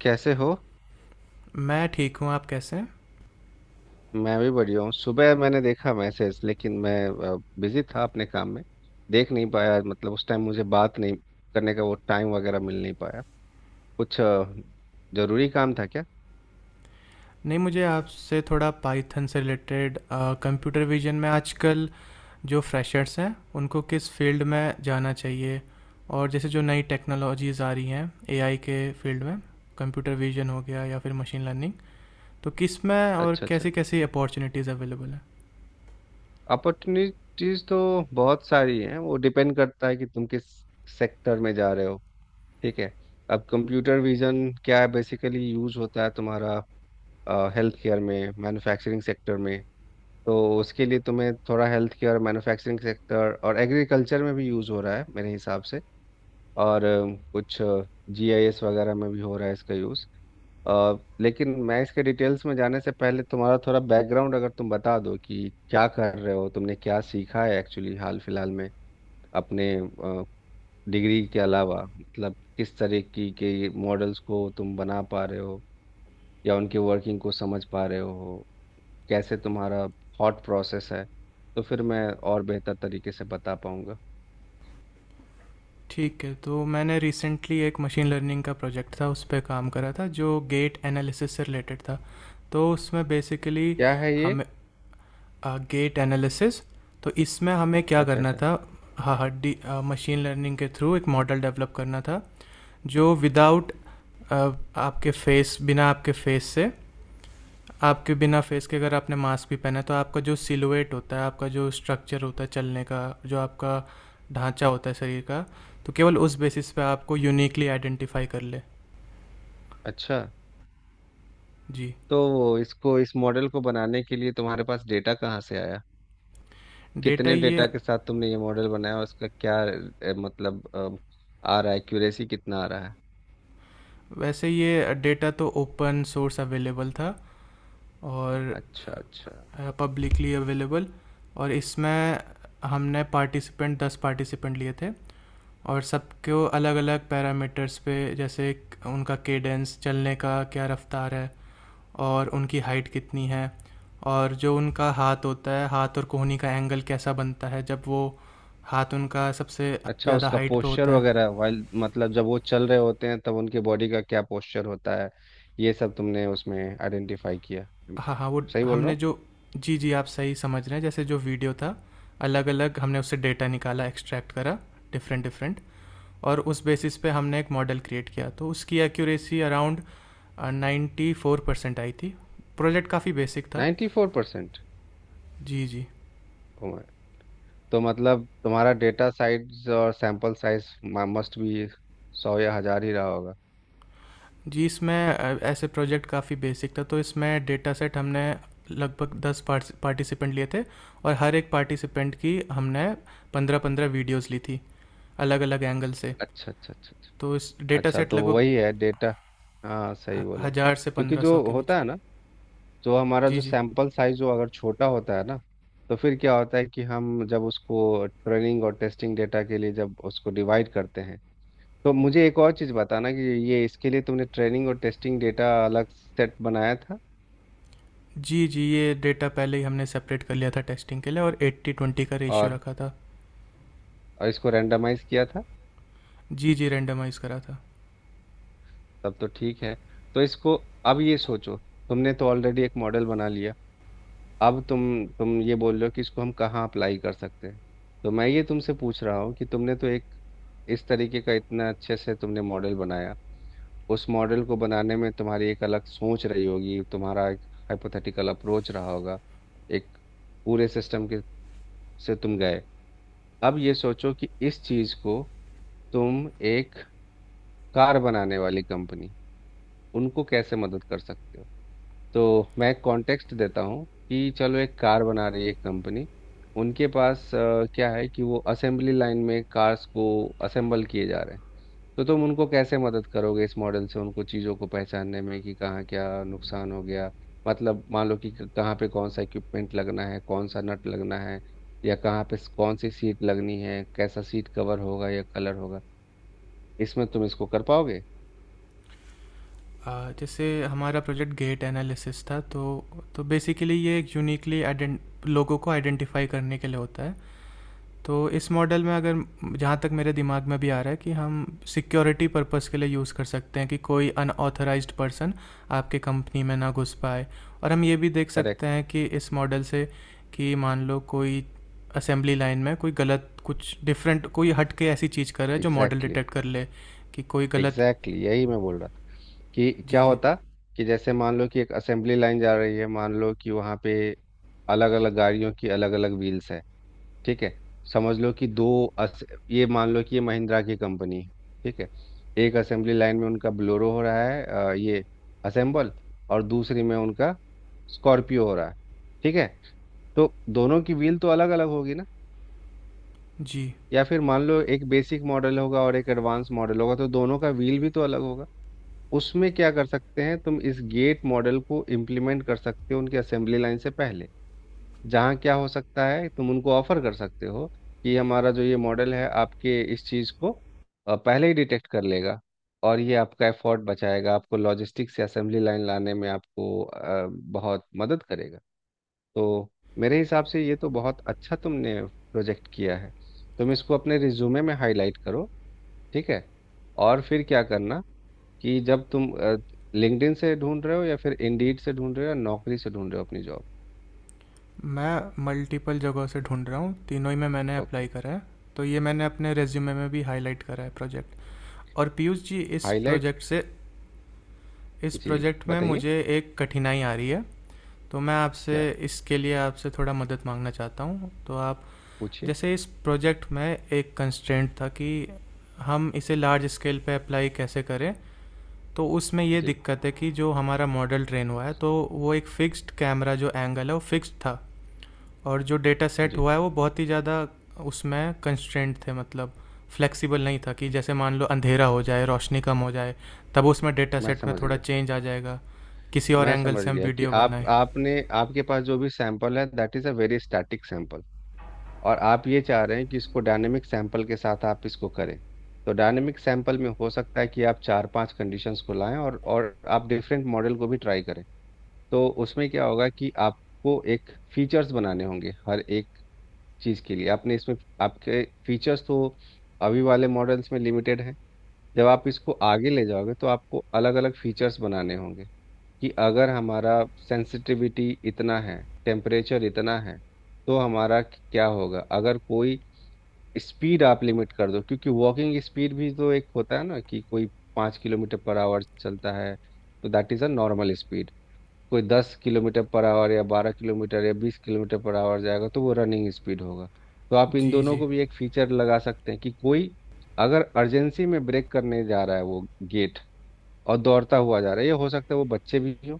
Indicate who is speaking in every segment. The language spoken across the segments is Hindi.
Speaker 1: कैसे हो?
Speaker 2: मैं ठीक हूँ, आप कैसे हैं?
Speaker 1: मैं भी बढ़िया हूँ। सुबह मैंने देखा मैसेज, लेकिन मैं बिजी था अपने काम में, देख नहीं पाया। मतलब उस टाइम मुझे बात नहीं करने का, वो टाइम वगैरह मिल नहीं पाया। कुछ जरूरी काम था क्या?
Speaker 2: नहीं, मुझे आपसे थोड़ा पाइथन से रिलेटेड कंप्यूटर विजन में आजकल जो फ्रेशर्स हैं उनको किस फील्ड में जाना चाहिए, और जैसे जो नई टेक्नोलॉजीज़ आ रही हैं एआई के फील्ड में, कंप्यूटर विजन हो गया या फिर मशीन लर्निंग, तो किस में और
Speaker 1: अच्छा, अच्छा।
Speaker 2: कैसी कैसी अपॉर्चुनिटीज़ अवेलेबल हैं।
Speaker 1: अपॉर्चुनिटीज तो बहुत सारी हैं, वो डिपेंड करता है कि तुम किस सेक्टर में जा रहे हो। ठीक है। अब कंप्यूटर विजन क्या है, बेसिकली यूज होता है तुम्हारा हेल्थ केयर में, मैन्युफैक्चरिंग सेक्टर में। तो उसके लिए तुम्हें थोड़ा हेल्थ केयर, मैन्युफैक्चरिंग सेक्टर और एग्रीकल्चर में भी यूज़ हो रहा है मेरे हिसाब से। और कुछ जीआईएस वगैरह में भी हो रहा है इसका यूज़। लेकिन मैं इसके डिटेल्स में जाने से पहले तुम्हारा थोड़ा बैकग्राउंड अगर तुम बता दो कि क्या कर रहे हो, तुमने क्या सीखा है एक्चुअली हाल फिलहाल में, अपने डिग्री के अलावा। मतलब किस तरह की के मॉडल्स को तुम बना पा रहे हो या उनके वर्किंग को समझ पा रहे हो, कैसे तुम्हारा थॉट प्रोसेस है, तो फिर मैं और बेहतर तरीके से बता पाऊंगा।
Speaker 2: ठीक है। तो मैंने रिसेंटली एक मशीन लर्निंग का प्रोजेक्ट था, उस पर काम करा था, जो गेट एनालिसिस से रिलेटेड था। तो उसमें बेसिकली
Speaker 1: क्या है ये?
Speaker 2: हम गेट एनालिसिस, तो इसमें हमें क्या
Speaker 1: अच्छा,
Speaker 2: करना
Speaker 1: अच्छा,
Speaker 2: था। हाँ, हड्डी, मशीन लर्निंग के थ्रू एक मॉडल डेवलप करना था जो विदाउट आपके फेस बिना आपके फेस से आपके बिना फेस के, अगर आपने मास्क भी पहना है, तो आपका जो सिलुएट होता है, आपका जो स्ट्रक्चर होता है, चलने का जो आपका ढांचा होता है शरीर का, तो केवल उस बेसिस पे आपको यूनिकली आइडेंटिफाई कर ले।
Speaker 1: अच्छा।
Speaker 2: जी।
Speaker 1: तो इसको, इस मॉडल को बनाने के लिए तुम्हारे पास डेटा कहाँ से आया,
Speaker 2: डेटा
Speaker 1: कितने
Speaker 2: ये
Speaker 1: डेटा के साथ तुमने ये मॉडल बनाया और इसका क्या मतलब आ रहा है, एक्यूरेसी कितना आ रहा है?
Speaker 2: वैसे ये डेटा तो ओपन सोर्स अवेलेबल था, और
Speaker 1: अच्छा, अच्छा,
Speaker 2: पब्लिकली अवेलेबल। और इसमें हमने पार्टिसिपेंट 10 पार्टिसिपेंट लिए थे, और सबको अलग अलग पैरामीटर्स पे, जैसे उनका केडेंस, चलने का क्या रफ्तार है, और उनकी हाइट कितनी है, और जो उनका हाथ होता है, हाथ और कोहनी का एंगल कैसा बनता है जब वो हाथ उनका सबसे
Speaker 1: अच्छा।
Speaker 2: ज़्यादा
Speaker 1: उसका
Speaker 2: हाइट पे
Speaker 1: पोस्चर
Speaker 2: होता है।
Speaker 1: वगैरह वाइल, मतलब जब वो चल रहे होते हैं तब उनके बॉडी का क्या पोस्चर होता है, ये सब तुमने उसमें आइडेंटिफाई किया,
Speaker 2: हाँ हाँ। वो
Speaker 1: सही बोल रहा
Speaker 2: हमने
Speaker 1: हूँ?
Speaker 2: जो जी जी, आप सही समझ रहे हैं, जैसे जो वीडियो था, अलग अलग हमने उससे डेटा निकाला, एक्सट्रैक्ट करा, डिफरेंट डिफरेंट। और उस बेसिस पे हमने एक मॉडल क्रिएट किया, तो उसकी एक्यूरेसी अराउंड 94% आई थी। प्रोजेक्ट काफ़ी बेसिक था।
Speaker 1: 94%?
Speaker 2: जी जी।
Speaker 1: तो, तो मतलब तुम्हारा डेटा साइज और सैंपल साइज मस्ट भी सौ या हजार ही रहा होगा।
Speaker 2: जी, इसमें ऐसे प्रोजेक्ट काफ़ी बेसिक था, तो इसमें डेटा सेट हमने लगभग 10 पार्टिसिपेंट लिए थे, और हर एक पार्टिसिपेंट की हमने 15-15 वीडियोस ली थी अलग अलग एंगल से।
Speaker 1: अच्छा, अच्छा, अच्छा, अच्छा।
Speaker 2: तो इस डेटा
Speaker 1: अच्छा,
Speaker 2: सेट
Speaker 1: तो
Speaker 2: लगभग
Speaker 1: वही है डेटा, हाँ सही बोला।
Speaker 2: हज़ार से
Speaker 1: क्योंकि
Speaker 2: पंद्रह
Speaker 1: जो
Speaker 2: सौ के बीच।
Speaker 1: होता है ना, जो हमारा
Speaker 2: जी
Speaker 1: जो
Speaker 2: जी।
Speaker 1: सैंपल साइज जो अगर छोटा होता है ना, तो फिर क्या होता है कि हम जब उसको ट्रेनिंग और टेस्टिंग डेटा के लिए जब उसको डिवाइड करते हैं। तो मुझे एक और चीज़ बताना कि ये इसके लिए तुमने ट्रेनिंग और टेस्टिंग डेटा अलग सेट बनाया था,
Speaker 2: जी जी, ये डेटा पहले ही हमने सेपरेट कर लिया था टेस्टिंग के लिए, और 80-20 का रेशियो
Speaker 1: और,
Speaker 2: रखा था।
Speaker 1: और इसको रेंडमाइज किया था?
Speaker 2: जी जी, रेंडमाइज़ करा था।
Speaker 1: तब तो ठीक है। तो इसको अब ये सोचो, तुमने तो ऑलरेडी एक मॉडल बना लिया, अब तुम ये बोल रहे हो कि इसको हम कहाँ अप्लाई कर सकते हैं। तो मैं ये तुमसे पूछ रहा हूँ कि तुमने तो एक इस तरीके का इतना अच्छे से तुमने मॉडल बनाया, उस मॉडल को बनाने में तुम्हारी एक अलग सोच रही होगी, तुम्हारा एक हाइपोथेटिकल अप्रोच रहा होगा, एक पूरे सिस्टम के से तुम गए। अब ये सोचो कि इस चीज़ को तुम एक कार बनाने वाली कंपनी, उनको कैसे मदद कर सकते हो। तो मैं कॉन्टेक्स्ट देता हूँ कि चलो एक कार बना रही है एक कंपनी, उनके पास क्या है कि वो असेंबली लाइन में कार्स को असेंबल किए जा रहे हैं। तो तुम उनको कैसे मदद करोगे इस मॉडल से, उनको चीज़ों को पहचानने में कि कहाँ क्या नुकसान हो गया। मतलब मान लो कि कहाँ पे कौन सा इक्विपमेंट लगना है, कौन सा नट लगना है, या कहाँ पे कौन सी सीट लगनी है, कैसा सीट कवर होगा या कलर होगा। इसमें तुम इसको कर पाओगे?
Speaker 2: जैसे हमारा प्रोजेक्ट गेट एनालिसिस था, तो बेसिकली ये एक यूनिकली लोगों को आइडेंटिफाई करने के लिए होता है। तो इस मॉडल में, अगर जहाँ तक मेरे दिमाग में भी आ रहा है कि हम सिक्योरिटी पर्पस के लिए यूज़ कर सकते हैं, कि कोई अनऑथराइज्ड पर्सन आपके कंपनी में ना घुस पाए। और हम ये भी देख सकते
Speaker 1: करेक्ट।
Speaker 2: हैं कि इस मॉडल से, कि मान लो कोई असेंबली लाइन में कोई गलत, कुछ डिफरेंट, कोई हट के ऐसी चीज़ कर रहा है जो मॉडल
Speaker 1: एग्जैक्टली।
Speaker 2: डिटेक्ट कर ले, कि कोई गलत।
Speaker 1: एग्जैक्टली यही मैं बोल रहा था कि
Speaker 2: जी
Speaker 1: क्या
Speaker 2: जी।
Speaker 1: होता, कि जैसे मान लो कि एक असेंबली लाइन जा रही है, मान लो कि वहाँ पे अलग अलग गाड़ियों की अलग अलग व्हील्स है। ठीक है। समझ लो कि दो, अस, ये मान लो कि ये महिंद्रा की कंपनी है। ठीक है। एक असेंबली लाइन में उनका ब्लोरो हो रहा है ये असेंबल, और दूसरी में उनका स्कॉर्पियो हो रहा है। ठीक है। तो दोनों की व्हील तो अलग अलग होगी ना।
Speaker 2: जी,
Speaker 1: या फिर मान लो एक बेसिक मॉडल होगा और एक एडवांस मॉडल होगा तो दोनों का व्हील भी तो अलग होगा। उसमें क्या कर सकते हैं, तुम इस गेट मॉडल को इम्प्लीमेंट कर सकते हो उनके असेंबली लाइन से पहले, जहाँ क्या हो सकता है, तुम उनको ऑफर कर सकते हो कि हमारा जो ये मॉडल है आपके इस चीज़ को पहले ही डिटेक्ट कर लेगा। और ये आपका एफर्ट बचाएगा, आपको लॉजिस्टिक्स से असेंबली लाइन लाने में आपको बहुत मदद करेगा। तो मेरे हिसाब से ये तो बहुत अच्छा तुमने प्रोजेक्ट किया है। तुम इसको अपने रिज्यूमे में हाईलाइट करो। ठीक है। और फिर क्या करना कि जब तुम लिंक्डइन से ढूंढ रहे हो या फिर इंडीड से ढूंढ रहे हो या नौकरी से ढूंढ रहे हो अपनी जॉब।
Speaker 2: मैं मल्टीपल जगहों से ढूँढ रहा हूँ, तीनों ही में मैंने अप्लाई
Speaker 1: ओके।
Speaker 2: करा है, तो ये मैंने अपने रिज्यूमे में भी हाइलाइट करा है प्रोजेक्ट। और पीयूष जी,
Speaker 1: हाईलाइट।
Speaker 2: इस
Speaker 1: जी,
Speaker 2: प्रोजेक्ट में
Speaker 1: बताइए।
Speaker 2: मुझे एक कठिनाई आ रही है, तो मैं आपसे
Speaker 1: क्या,
Speaker 2: इसके लिए आपसे थोड़ा मदद माँगना चाहता हूँ। तो आप
Speaker 1: पूछिए।
Speaker 2: जैसे इस प्रोजेक्ट में एक कंस्ट्रेंट था कि हम इसे लार्ज स्केल पे अप्लाई कैसे करें। तो उसमें ये
Speaker 1: जी,
Speaker 2: दिक्कत है कि जो हमारा मॉडल ट्रेन हुआ है, तो वो एक फिक्स्ड कैमरा, जो एंगल है वो फिक्स्ड था, और जो डेटा सेट
Speaker 1: जी।
Speaker 2: हुआ है वो बहुत ही ज़्यादा, उसमें कंस्ट्रेंट थे, मतलब फ्लेक्सिबल नहीं था, कि जैसे मान लो अंधेरा हो जाए, रोशनी कम हो जाए, तब उसमें डेटा
Speaker 1: मैं
Speaker 2: सेट में
Speaker 1: समझ
Speaker 2: थोड़ा
Speaker 1: गया।
Speaker 2: चेंज आ जाएगा, किसी और
Speaker 1: मैं
Speaker 2: एंगल
Speaker 1: समझ
Speaker 2: से हम
Speaker 1: गया कि
Speaker 2: वीडियो
Speaker 1: आप
Speaker 2: बनाए।
Speaker 1: आपने आपके पास जो भी सैंपल है, that is a very static sample. और आप ये चाह रहे हैं कि इसको डायनेमिक सैंपल के साथ आप इसको करें। तो डायनेमिक सैंपल में हो सकता है कि आप चार पांच कंडीशंस को लाएं, और आप डिफरेंट मॉडल को भी ट्राई करें। तो उसमें क्या होगा कि आपको एक फीचर्स बनाने होंगे हर एक चीज़ के लिए, आपने इसमें आपके फीचर्स तो अभी वाले मॉडल्स में लिमिटेड हैं। जब आप इसको आगे ले जाओगे तो आपको अलग अलग फीचर्स बनाने होंगे, कि अगर हमारा सेंसिटिविटी इतना है, टेम्परेचर इतना है, तो हमारा क्या होगा अगर कोई स्पीड आप लिमिट कर दो, क्योंकि वॉकिंग स्पीड भी तो एक होता है ना कि कोई 5 किलोमीटर पर आवर चलता है। तो that is a normal speed. कोई 10 किलोमीटर पर आवर या 12 किलोमीटर या 20 किलोमीटर पर आवर जाएगा तो वो रनिंग स्पीड होगा। तो आप इन
Speaker 2: जी
Speaker 1: दोनों
Speaker 2: जी।
Speaker 1: को भी एक फीचर लगा सकते हैं, कि कोई अगर अर्जेंसी में ब्रेक करने जा रहा है वो गेट, और दौड़ता हुआ जा रहा है, ये हो सकता है वो बच्चे भी हो।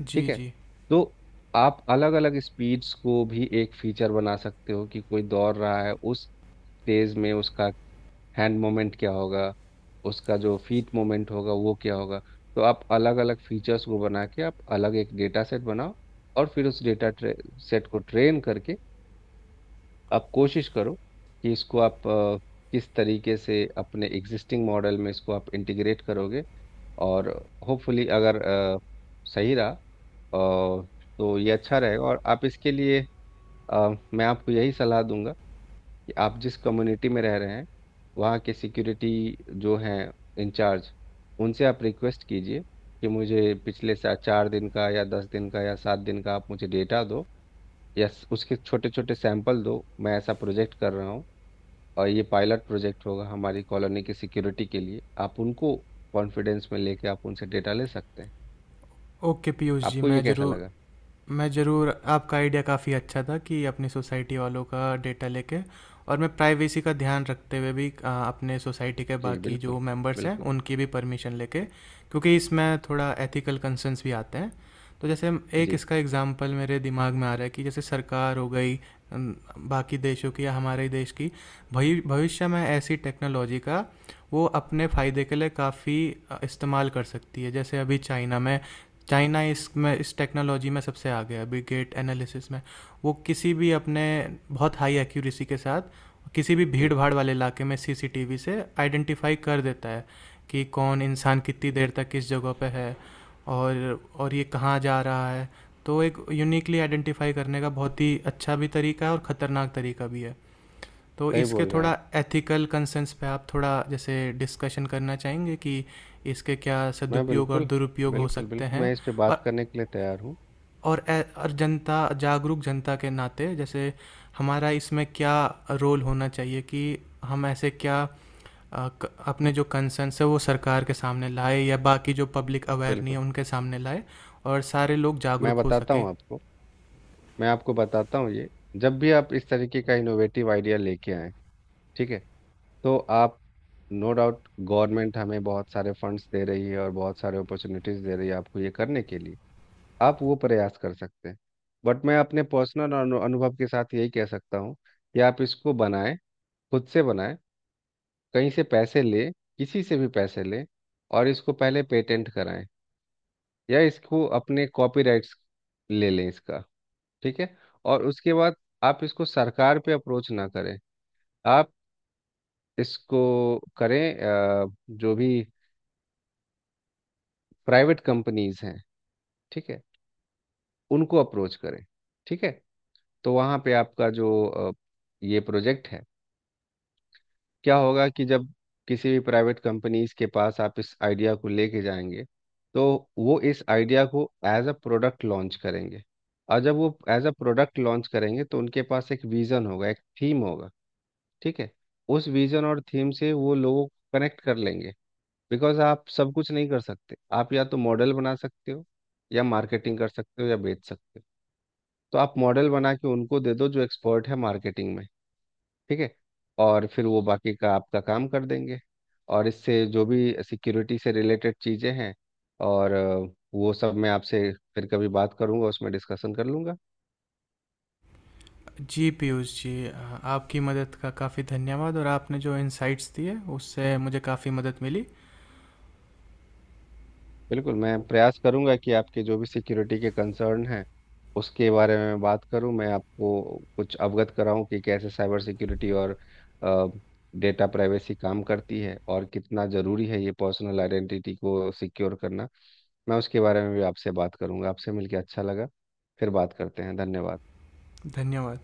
Speaker 2: जी
Speaker 1: ठीक है।
Speaker 2: जी।
Speaker 1: तो आप अलग अलग स्पीड्स को भी एक फीचर बना सकते हो, कि कोई दौड़ रहा है उस तेज में उसका हैंड मोमेंट क्या होगा, उसका जो फीट मोमेंट होगा वो क्या होगा। तो आप अलग अलग फीचर्स को बना के आप अलग एक डेटा सेट बनाओ, और फिर उस डेटा सेट को ट्रेन करके आप कोशिश करो कि इसको आप किस तरीके से अपने एग्जिस्टिंग मॉडल में इसको आप इंटीग्रेट करोगे। और होपफुली अगर सही रहा, तो ये अच्छा रहेगा, और आप इसके लिए अ, मैं आपको यही सलाह दूंगा। आप जिस कम्युनिटी में रह रहे हैं, वहाँ के सिक्योरिटी जो हैं इंचार्ज, उनसे आप रिक्वेस्ट कीजिए कि मुझे पिछले सा 4 दिन का या 10 दिन का या 7 दिन का आप मुझे डेटा दो, या उसके छोटे छोटे सैंपल दो, मैं ऐसा प्रोजेक्ट कर रहा हूँ, और ये पायलट प्रोजेक्ट होगा हमारी कॉलोनी की सिक्योरिटी के लिए। आप उनको कॉन्फिडेंस में लेके आप उनसे डेटा ले सकते हैं।
Speaker 2: ओके पीयूष जी,
Speaker 1: आपको ये कैसा लगा?
Speaker 2: मैं ज़रूर, आपका आइडिया काफ़ी अच्छा था, कि अपनी सोसाइटी वालों का डेटा लेके, और मैं प्राइवेसी का ध्यान रखते हुए भी अपने सोसाइटी के
Speaker 1: जी
Speaker 2: बाकी जो
Speaker 1: बिल्कुल।
Speaker 2: मेंबर्स हैं
Speaker 1: बिल्कुल।
Speaker 2: उनकी भी परमिशन लेके, क्योंकि इसमें थोड़ा एथिकल कंसर्न्स भी आते हैं। तो जैसे, एक
Speaker 1: जी
Speaker 2: इसका एग्जांपल मेरे दिमाग में आ रहा है, कि जैसे सरकार हो गई, अम, बाकी देशों की या हमारे ही देश की, भविष्य में ऐसी टेक्नोलॉजी का वो अपने फ़ायदे के लिए काफ़ी इस्तेमाल कर सकती है। जैसे अभी चाइना इसमें, इस टेक्नोलॉजी में सबसे आगे है अभी गेट एनालिसिस में। वो किसी भी अपने, बहुत हाई एक्यूरेसी के साथ, किसी भी भीड़
Speaker 1: बिल्कुल।
Speaker 2: भाड़ वाले इलाके में सीसीटीवी से आइडेंटिफाई कर देता है कि कौन इंसान कितनी
Speaker 1: जी।
Speaker 2: देर तक किस जगह पे है, और ये कहाँ जा रहा है। तो एक यूनिकली आइडेंटिफाई करने का बहुत ही अच्छा भी तरीका है और ख़तरनाक तरीका भी है। तो
Speaker 1: सही
Speaker 2: इसके
Speaker 1: बोल रहे हैं आप।
Speaker 2: थोड़ा एथिकल कंसर्न्स पे आप थोड़ा जैसे डिस्कशन करना चाहेंगे, कि इसके क्या
Speaker 1: मैं
Speaker 2: सदुपयोग और
Speaker 1: बिल्कुल,
Speaker 2: दुरुपयोग हो
Speaker 1: बिल्कुल,
Speaker 2: सकते
Speaker 1: बिल्कुल,
Speaker 2: हैं।
Speaker 1: मैं इस पे बात
Speaker 2: और
Speaker 1: करने के लिए तैयार हूँ।
Speaker 2: और जनता, जागरूक जनता के नाते जैसे हमारा इसमें क्या रोल होना चाहिए, कि हम ऐसे क्या, अपने जो कंसर्न्स है वो सरकार के सामने लाए, या बाकी जो पब्लिक अवेयर नहीं है
Speaker 1: बिल्कुल।
Speaker 2: उनके सामने लाए, और सारे लोग
Speaker 1: मैं
Speaker 2: जागरूक हो
Speaker 1: बताता
Speaker 2: सकें।
Speaker 1: हूँ आपको। मैं आपको बताता हूँ, ये जब भी आप इस तरीके का इनोवेटिव आइडिया लेके आए, ठीक है, तो आप, नो डाउट गवर्नमेंट हमें बहुत सारे फंड्स दे रही है और बहुत सारे अपॉर्चुनिटीज दे रही है आपको ये करने के लिए, आप वो प्रयास कर सकते हैं। बट मैं अपने पर्सनल अनुभव के साथ यही कह सकता हूँ कि आप इसको बनाएं, खुद से बनाएं, कहीं से पैसे लें, किसी से भी पैसे लें, और इसको पहले पेटेंट कराएं या इसको अपने कॉपीराइट्स ले लें इसका। ठीक है। और उसके बाद आप इसको सरकार पे अप्रोच ना करें, आप इसको करें जो भी प्राइवेट कंपनीज हैं, ठीक है, उनको अप्रोच करें। ठीक है। तो वहाँ पे आपका जो ये प्रोजेक्ट है, क्या होगा कि जब किसी भी प्राइवेट कंपनीज के पास आप इस आइडिया को लेके जाएंगे, तो वो इस आइडिया को एज अ प्रोडक्ट लॉन्च करेंगे। और जब वो एज अ प्रोडक्ट लॉन्च करेंगे तो उनके पास एक विजन होगा, एक थीम होगा। ठीक है। उस विजन और थीम से वो लोगों को कनेक्ट कर लेंगे। बिकॉज आप सब कुछ नहीं कर सकते, आप या तो मॉडल बना सकते हो या मार्केटिंग कर सकते हो या बेच सकते हो। तो आप मॉडल बना के उनको दे दो जो एक्सपर्ट है मार्केटिंग में। ठीक है। और फिर वो बाकी का आपका काम कर देंगे। और इससे जो भी सिक्योरिटी से रिलेटेड चीज़ें हैं और वो सब मैं आपसे फिर कभी बात करूंगा, उसमें डिस्कशन कर लूंगा।
Speaker 2: जी पीयूष जी, आपकी मदद का काफ़ी धन्यवाद, और आपने जो इंसाइट्स दिए उससे मुझे काफ़ी मदद मिली।
Speaker 1: बिल्कुल, मैं प्रयास करूंगा कि आपके जो भी सिक्योरिटी के कंसर्न हैं उसके बारे में बात करूं, मैं आपको कुछ अवगत कराऊं कि कैसे साइबर सिक्योरिटी और डेटा प्राइवेसी काम करती है, और कितना ज़रूरी है ये पर्सनल आइडेंटिटी को सिक्योर करना। मैं उसके बारे में भी आपसे बात करूंगा। आपसे मिलकर अच्छा लगा, फिर बात करते हैं, धन्यवाद।
Speaker 2: धन्यवाद।